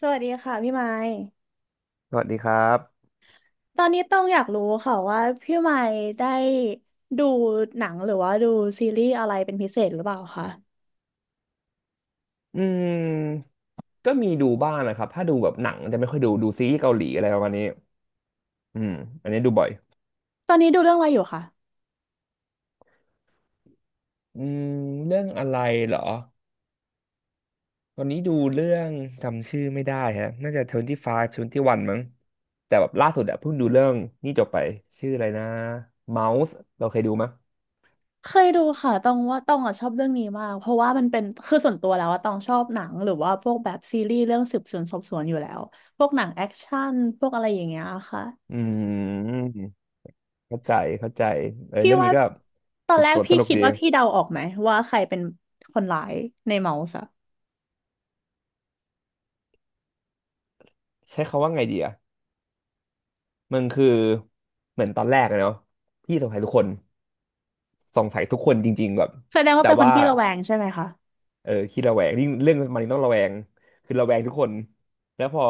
สวัสดีค่ะพี่ไม้สวัสดีครับ ตอนนี้ต้องอยากรู้ค่ะว่าพี่ไม้ได้ดูหนังหรือว่าดูซีรีส์อะไรเป็นพิเศษหรือเปล่าคะอืมก็มีดูบ้างนะครับถ้าดูแบบหนังจะไม่ค่อยดูดูซีรีส์เกาหลีอะไรประมาณนี้อืมอันนี้ดูบ่อยตอนนี้ดูเรื่องอะไรอยู่คะอืมเรื่องอะไรเหรอตอนนี้ดูเรื่องจำชื่อไม่ได้ฮะน่าจะ25 21มั้ง แต่แบบล่าสุดอะเพิ่งดูเรื่องนี่จบไป ชื่ออะไรนะ Mouse เราเคยดูมั้ยเคยดูค่ะตองว่าตองอ่ะชอบเรื่องนี้มากเพราะว่ามันเป็นคือส่วนตัวแล้วว่าตองชอบหนังหรือว่าพวกแบบซีรีส์เรื่องสืบสวนสอบสวนอยู่แล้วพวกหนังแอคชั่นพวกอะไรอย่างเงี้ยค่ะอืมเข้าใจเข้าใจเออพี่เรื่องว่านี้ก็ตอสืนบแรสกวนสพี่นุกคิดดี ว่าพี่เดาออกไหมว่าใครเป็นคนร้ายในเมาส์อะใช้คำว่าไงดีอะมันคือเหมือนตอนแรกอะเนาะพี่สงสัยทุกคน สงสัยทุกคนจริงๆแบบแสดงว่าแต่เป็นคนว่าขี้ระแวงใช่ไหมคะ เออขี้ระแวงยิ่งเรื่องมันต้องระแวงคือระแวงทุกคนแล้วพอ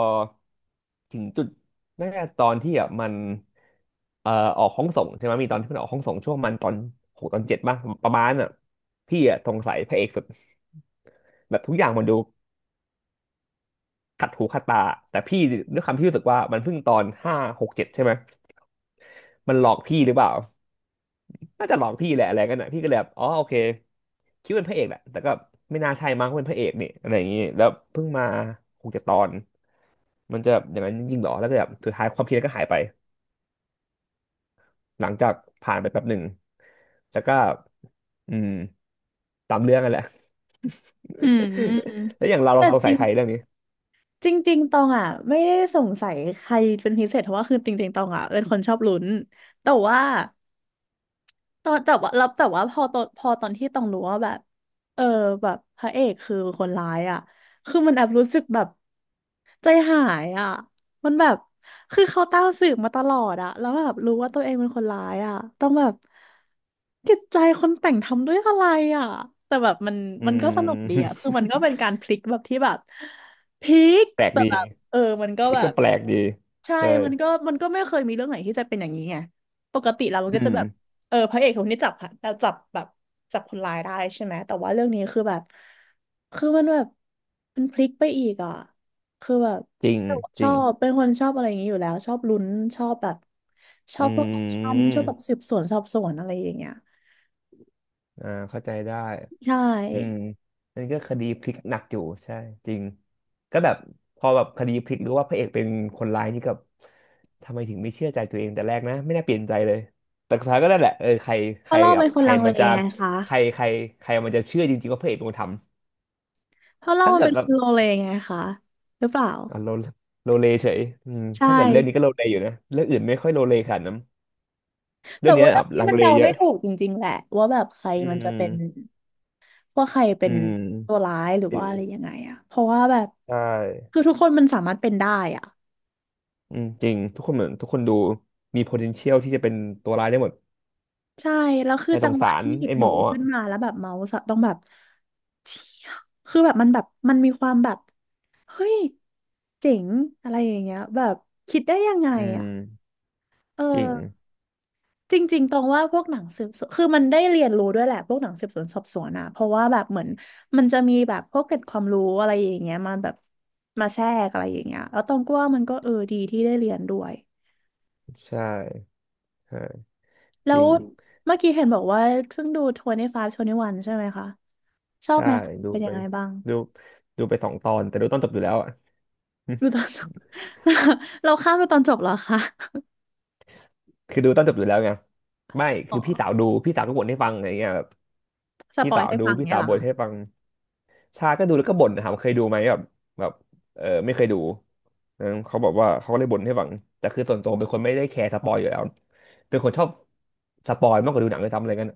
ถึงจุดน่าจะตอนที่อ่ะมันเอ่อออกห้องส่งใช่ไหมมีตอนที่มันออกห้องส่งช่วงมันตอนหกตอนเจ็ดป่ะประมาณน่ะพี่อ่ะสงสัยพระเอกสุดแบบทุกอย่างมันดูขัดหูขัดตาแต่พี่ด้วยความที่รู้สึกว่ามันเพิ่งตอนห้าหกเจ็ดใช่ไหมมันหลอกพี่หรือเปล่า น่าจะหลอกพี่แหละอะไรกันน่ะพี่ก็เลยแบบอ๋อโอเคคิดว่าเป็นพระเอกแหละแต่ก็ไม่น่าใช่มั้งเป็นพระเอกนี่อะไรอย่างงี้แล้วเพิ่งมาคงจะตอนมันจะอย่างนั้นจริงๆหรอแล้วก็แบบสุดท้ายความคิดนั้นก็หายไปหลังจากผ่านไปแป๊บหนึ่งแล้วก็อืมตามเรื่องกันแหละ อืม แล้วอย่างเราเราแต่สงจสัริยงใครเรื่องนี้จริงจริงๆตองอ่ะไม่ได้สงสัยใครเป็นพิเศษเพราะว่าคือจริงๆตองอ่ะเป็นคนชอบลุ้นแต่ว่า ตอนแต่ว่าแล้วแต่ว่าพอตอนพอตอนที่ต้องรู้ว่าแบบเออแบบพระเอกคือคนร้ายอ่ะคือมันแอบรู้สึกแบบใจหายอ่ะมันแบบคือเขาตามสืบมาตลอดอ่ะแล้วแบบรู้ว่าตัวเองเป็นคนร้ายอ่ะต้องแบบจิตใจคนแต่งทำด้วยอะไรอ่ะแต่แบบมันอืมันก็สนุกม ดีอ่ะคือมันก็เป็น การพลิกแบบที่แบบพลิกแปลกแต่ดีแบบเออมันก็พี่แบก็บ แปลกดีใช่ใช่มันก็ มันก็ไม่เคยมีเรื่องไหนที่จะเป็นอย่างนี้ไง ปกติเรามันอืก็จะมแบบเออพระเอกคนนี้จับเราจับแบบจับคนร้ายได้ใช่ไหม แต่ว่าเรื่องนี้คือแบบ คือมันแบบมันพลิกไปอีกอ่ะคือแบบจริงจชริองบเป็นคนชอบอะไรอย่างนี้อยู่แล้ว ชอบลุ้น ชอบแบบ ชออืบพวกแอคชั่นชอบแบบสืมบสวนสอบสวนอะไรอย่างเงี้ยอ่าเข้าใจได้ ใชอืม่นั่นก็คดีพลิกหนักอยู่ใช่จริงก็แบบพอแบบคดีพลิกหรือว่าพระเอกเป็นคนร้ายนี่กับทำไมถึงไม่เชื่อใจตัวเองแต่แรกนะไม่น่าเปลี่ยนใจเลยแต่สุดท้ายก็นั่นแหละเออใครใคเพรราะเรากัเป็บนคใคนรลังเลมันจะไงคะใครใครใครมันจะเชื่อจริงๆว่าพระเอกเป็นคนทำเพราะเราถ้ามันเกิดเป็นแบคบนโลเลไงคะหรือเปล่าอ่ะโลโลเลเฉยอืมใช่ ถ้าเกิดเรื่องนี้ก็โลเลอยู่นะเรื่องอื่นไม่ค่อยโลเลขนาดนั้นแต่เรื่องนี้ว่าเรื่ออ่ะงนี้ลังมันเลเดาเยไม่อะถูกจริงๆแหละว่าแบบใครอืมันจะเป็นมว่าใครเป็อืนมตัวร้ายหรือจริว่างอะไรยังไงอะเพราะว่าแบบใช่คือทุกคนมันสามารถเป็นได้อะอืมจริงทุกคนเหมือนทุกคนดูมี potential ที่จะเป็นตัวร้ายได้หมด ใช่แล้วคือแต่สจังงหวะสารที่หยิบไอ้หหมนูออะขึ้นมาแล้วแบบเมาส์อะต้องแบบเชี่ยคือแบบมันแบบมันมีความแบบเฮ้ยเจ๋งอะไรอย่างเงี้ยแบบคิดได้ยังไงอืมอะเออ จริงจริงๆตรงว่าพวกหนังสืบสวนคือมันได้เรียนรู้ด้วยแหละพวกหนังสืบสวนสอบสวนอะเพราะว่าแบบเหมือนมันจะมีแบบพวกเกร็ดความรู้อะไรอย่างเงี้ยมาแบบมาแทรกอะไรอย่างเงี้ยแล้วตรงก็ว่ามันก็เออดีที่ได้เรียนด้วยใช่ใช่แล้จริวง เมื่อกี้เห็นบอกว่าเพิ่งดู25 21ใช่ไหมคะชอบใช่ ไหมคะดูเป็นไป ยังไงบ้างดูดูไปสองตอน แต่ดูตอนจบอยู่แล้วอ่ะ ดูตอนจบ เราข้ามไปตอนจบเหรอคะคือดูตอนจบอยู่แล้วไงไม่อ๋อคือพี่สาวดูพี่สาวก็บ่นให้ฟังอะไรเงี้ยแบบสพี่ปอยสาวให้ดูฟังพี่เนี่ยสาวเหรอบ่นคะ ให้ฟังชาก็ดูแล้วก็บ่นถามเคยดูไหมแบบแบบเออไม่เคยดูนะเขาบอกว่าเขาก็เลยบ่นให้ฟังแต่คือส่วนตัวเป็นคนไม่ได้แคร์สปอยอยู่แล้ว เป็นคนชอบสปอยมากกว่าดูหนังเลยทำอะไรกัน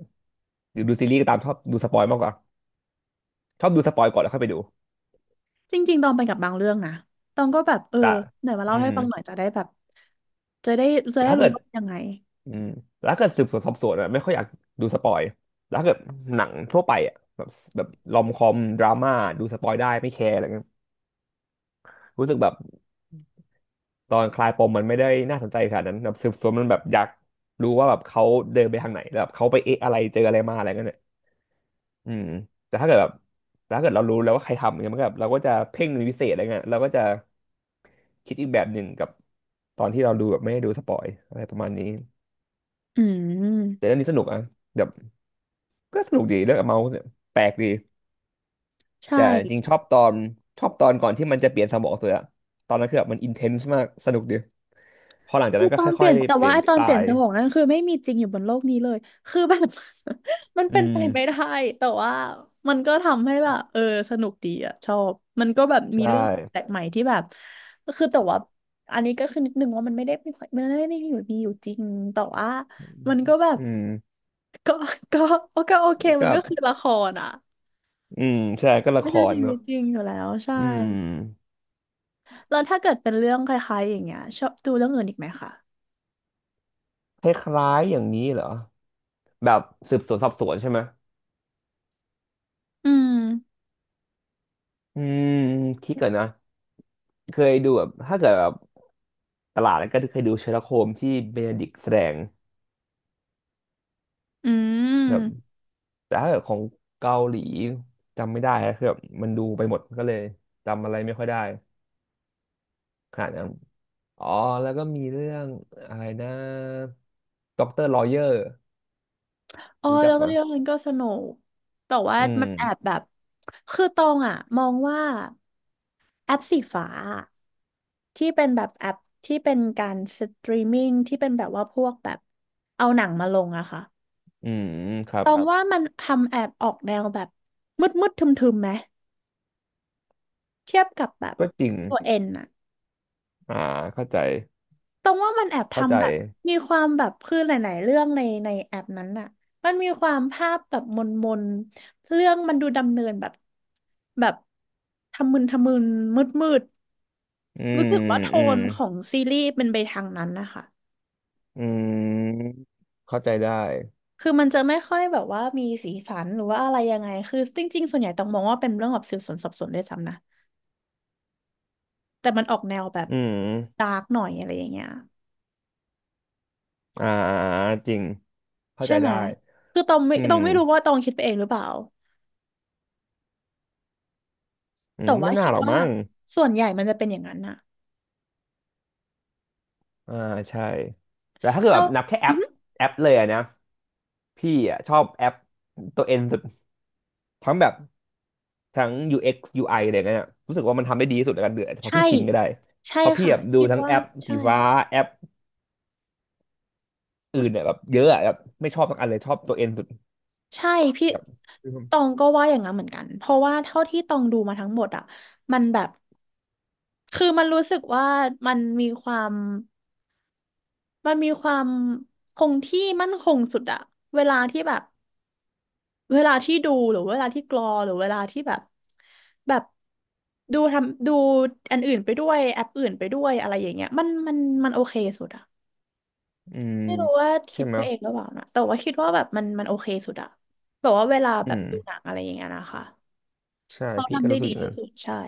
หรือดูซีรีส์ก็ตามชอบดูสปอยมากกว่า ชอบดูสปอยก่อนแล้วค่อยไปดูจริงๆ ตองไปกับบางเรื่องนะตองก็แบบ เออแต่ไหนมาอืเล่าให้มฟังหน่อยจะได้แบบ จะได้จะแต่ได้ถ้ารู้เกิดว่าเป็นยังไง อืมแต่ถ้าเกิดสืบสวนสอบสวนอะไม่ค่อยอยากดูสปอยแต่ถ้าเกิดหนังทั่วไปอะแบบแบบรอมคอมดราม่าดูสปอยได้ไม่แคร์อะไรเงี้ยรู้สึกแบบตอนคลายปมมันไม่ได้น่าสนใจขนาดนั้นแบบสืบสวนมันแบบอยากรู้ว่าแบบเขาเดินไปทางไหนแล้วแบบเขาไปเอะอะไรเจออะไรมาอะไรเงี้ยเนี่ยอืมแต่ถ้าเกิดแบบแต่ถ้าเกิดเรารู้แล้วว่าใครทำเนี่ยมันก็แบบเราก็จะเพ่งเป็นพิเศษอะไรเงี้ยเราก็จะคิดอีกแบบหนึ่งกับตอนที่เราดูแบบไม่ได้ดูสปอยอะไรประมาณนี้ อืแต่ม เรื่องนี้สนุกอ่ะแบบก็สนุกดีเรื่องเมาส์เนี่ยแปลกดีใช่ แต่จริงชอบตอนชอบตอนก่อนที่มันจะเปลี่ยนสมองตัวอะตอนนั้นคือแบบมันอินเทนส์มากสนุกดีพอหลังจากคือนั้นตก็อนเปค่ลี่อยยนแต่ๆเปว่าลี่ยไอนสตอนไตเปลี่ยนสล์มองนั่นคือไม่มีจริงอยู่บนโลกนี้เลยคือแบบ มันอืเป็นไปมไม่ได้แต่ว่ามันก็ทำให้แบบเออสนุกดีอะชอบมันก็แบบมีใช่เรื่องแปลกใหม่ที่แบบคือแต่ว่าอันนี้ก็คือนิดนึงว่ามันไม่ได้มีมันไม่ได้มีอยู่มีอยู่จริงแต่ว่ามันก็แบบอืมก็ ก็ก็โอเคก็มันแบก็บคือละครอะอืมใช่ก็ละไม่คใช่รชีเนวิอะตจริงอยู่แล้วใช่อืมแล้วถ้าเกิดเป็นเรื่องคล้ายๆอย่างเงี้ยชอบดูเรื่องอื่นอีกไหมคะคล้ายๆอย่างนี้เหรอแบบสืบสวนสอบสวนใช่ไหมอืมอืมคิดก่อนนะเคยดูแบบถ้าเกิดแบบตลาดแล้วก็เคยดูเชอร์ล็อกโฮมที่เบนดิกต์แสดง อืม แต่ถ้าเกิดของเกาหลีจำไม่ได้อะคือแบบมันดูไปหมดก็เลยจำอะไรไม่ค่อยได้ขนาดนั้นอ๋อแล้วก็มีเรื่องอะไรนะด็อกเตอร์ลอเยอร์อ๋อรู้จัแล้กวไหมก็ยกมันก็สนุก แต่ว่าอืมมันแอบแบบ คือตองอ่ะมองว่าแอปสีฟ้าอะที่เป็นแบบแอปที่เป็นการสตรีมมิ่งที่เป็นแบบว่าพวกแบบเอาหนังมาลงอะค่ะอืมครัตบอคงรับว่ามันทำแอบออกแนวแบบมืดมืดทึมทึมๆไหมเทียบกับแบบก็จริงตัวเอ็นอะ อ่าเข้าใจตรงว่ามันแอบเข้าใจทำแบบมีความแบบคือหลายๆเรื่องในในแอปนั้นน่ะมันมีความภาพแบบมนมนเรื่องมันดูดำเนินแบบแบบทำมึนทำมึนมืดมืดอืมรู้สึกว่าโทอืมนของซีรีส์เป็นไปทางนั้นนะคะอืมเข้าใจได้คือมันจะไม่ค่อยแบบว่ามีสีสันหรือว่าอะไรยังไงคือจริงๆส่วนใหญ่ต้องมองว่าเป็นเรื่องแบบสืบสวนสอบสวนด้วยซ้ำนะแต่มันออกแนวแบบอืมดาร์กหน่อยอะไรอย่างเงี้ยอ่าอ่าอ่าจริงเข้าใช่ใจไหมได้คือตองไม่อืตองมไม่รู้ว่าตองคิดไปเองหรือเปล่า อืแต่มว่าไม่น่าคิดหรอกว่ามั้งส่วนใหญ่มันจะเป็นอย่างนั้นน่ะอ่าใช่แต่ถ้าเกิดแล้แบวบนับแค่แออือปหือแอปเลยอะนะ พี่อ่ะชอบแอปตัวเอ็นสุดทั้งแบบทั้ง UX UI อกซ์ยูไออะไรเงี้ยรู้สึกว่ามันทำได้ดีที่สุดในการเดือดพอใช่พี่ชินก็ได้ใช่เพอพี่ค่ะแบบดูคิดทั้งว่าแอปใช่สีฟ้าแอปอื่นเนี่ยแบบเยอะอะแบบไม่ชอบสักอันเลยชอบตัวเอ็นสุดใช่พี่แบบตองก็ว่าอย่างนั้นเหมือนกันเพราะว่าเท่าที่ตองดูมาทั้งหมดอ่ะมันแบบคือมันรู้สึกว่ามันมีความมันมีความคงที่มั่นคงสุดอะเวลาที่แบบเวลาที่ดูหรือเวลาที่กรอหรือเวลาที่แบบแบบดูทำดูอันอื่นไปด้วยแอปอื่นไปด้วยอะไรอย่างเงี้ยมันมันโอเคสุดอะ อืมไม่รู้ว่าคิใช่ดไหมไปเองหรือเปล่านะ แต่ว่าคิดว่าแบบมันโอเคสุดอะแบบว่าเวลาแบอืบมดูหนังอะไรอย่างเงี้ยนะคะใช่เขาพี่ก็ทำได้รู้สึกดีอย่างที่นั้นสุดใช่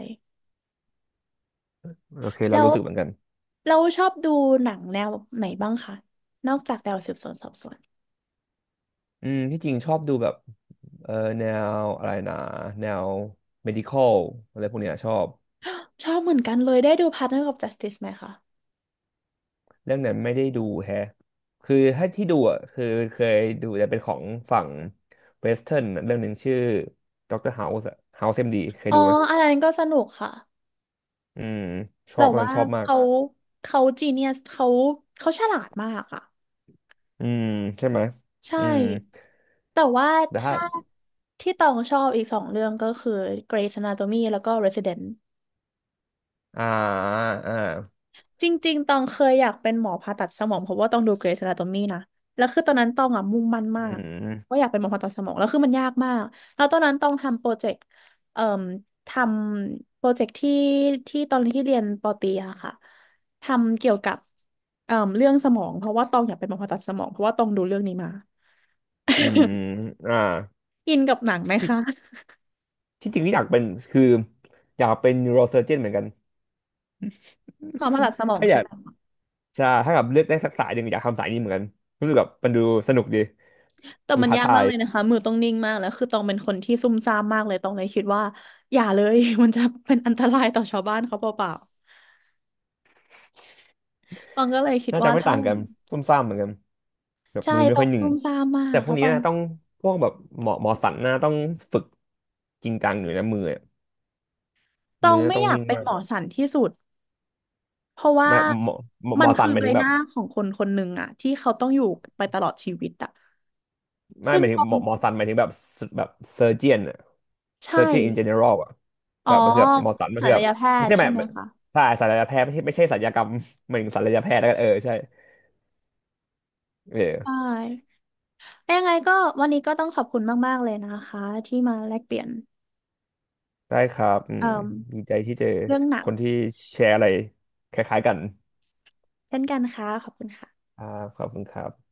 โอเคเราแล้วรู้สึกเหมือนกันเราชอบดูหนังแนวไหนบ้างคะ นอกจากแนวสืบสวนสอบสวน อืมที่จริงชอบดูแบบเออแนวอะไรนะแนว medical อะไรพวกเนี้ยชอบ ชอบเหมือนกันเลยได้ดู Partner of Justice ไหมคะ เรื่องนั้นไม่ได้ดูแฮะคือถ้าที่ดูอ่ะคือเคยดูแต่เป็นของฝั่งเวสเทิร์น เรื่องหนึ่งชื่อด็อกเตอร์เฮาส์เฮาส์เอ็มดีเคยอ๋อดูไหมอันนั้นก็สนุกค่ะอืมชแบอบบมันว่าชอบมาก เขาเขาจีเนียสเขาฉลาดมากอะอืมใช่ไหมใช่ อืมแต่ว่าแต่ถ้า ถ้าที่ตองชอบอีก2 เรื่องก็คือ Grey's Anatomy แล้วก็ Resident อ่าอ่าจริงๆตองเคยอยากเป็นหมอผ่าตัดสมองเพราะว่าต้องดู Grey's Anatomy นะแล้วคือตอนนั้นตองอ่ะมุ่งมั่นมาอืกว่ามอยากเป็นหมอผ่าตัดสมองแล้วคือมันยากมากแล้วตอนนั้นตองทำโปรเจกต์เอ่อทำโปรเจกต์ที่ที่ตอนที่เรียนปอตรีอะค่ะทำเกี่ยวกับเรื่องสมองเพราะว่าตองอยากเป็นหมอผ่าตัดสมองเพราะว่าตองดูเรื่องนี้มาอืมอ่าอินกับหนังไหมที่คะที่จริงที่อยากเป็นคืออยากเป็น neurosurgeon เหมือนกัน หมอผ่าตัดสมองถ้าอใช่ยากไหม ใช่ถ้าแบบเลือกได้สักสายหนึ่งอยากทำสายนี้เหมือนกันรู้สึกแบบมันดูสนุกดีแต่ดูมันท้ายากทามากย เลยนะคะมือต้องนิ่งมากแล้วคือตองเป็นคนที่ซุ่มซ่ามมากเลยตองเลยคิดว่าอย่าเลย มันจะเป็นอันตรายต่อชาวบ้านเขาเปล่าๆตองก็เลยคิดน่าว่าจะไม่ถ้าต่างอย่างกันนั้นซุ่มซ่ามเหมือนกันแบบใช่มือไม่ตอค่องยหนึ่งซุ่มซ่ามมาแต่กพวแล้กวตนี้องนะต้องพวกแบบหมอสันนะต้องฝึกจริงจังหน่อยนะมืออะตอมืงอไม่ต้องอยากนิ่งเป็นมาหกมอสันที่สุดเพราะว่าไม่หมอหมอหมัมนอสัคืนอหมายใบถึงหแบบน้าของคนคนหนึ่งอะที่เขาต้องอยู่ไปตลอดชีวิตอะไม่ซึ่หงมายตถึงองหมอสันหมายถึงแบบแบบเซอร์เจียนอะเซใช่อร์เจียนอินเจเนอรัลอะอ๋อแบบมันคือแบบหมอสันมันศัคือลแบบยแพไม่ทย์ใช่ใช่แบบไหมคะใช่ศัลยแพทย์ไม่ใช่ศัลยกรรม หมายถึงศัลยแพทย์แล้วกันเออใช่ใชเออ่ยังไงก็วันนี้ก็ต้องขอบคุณมากๆเลยนะคะที่มาแลกเปลี่ยนได้ครับอืเอ่มอดีใจที่เจอเรื่องหนัคง นที่แชร์อะไรคล้ายๆกันเช่นกันค่ะขอบคุณค่ะครับขอบคุณครับ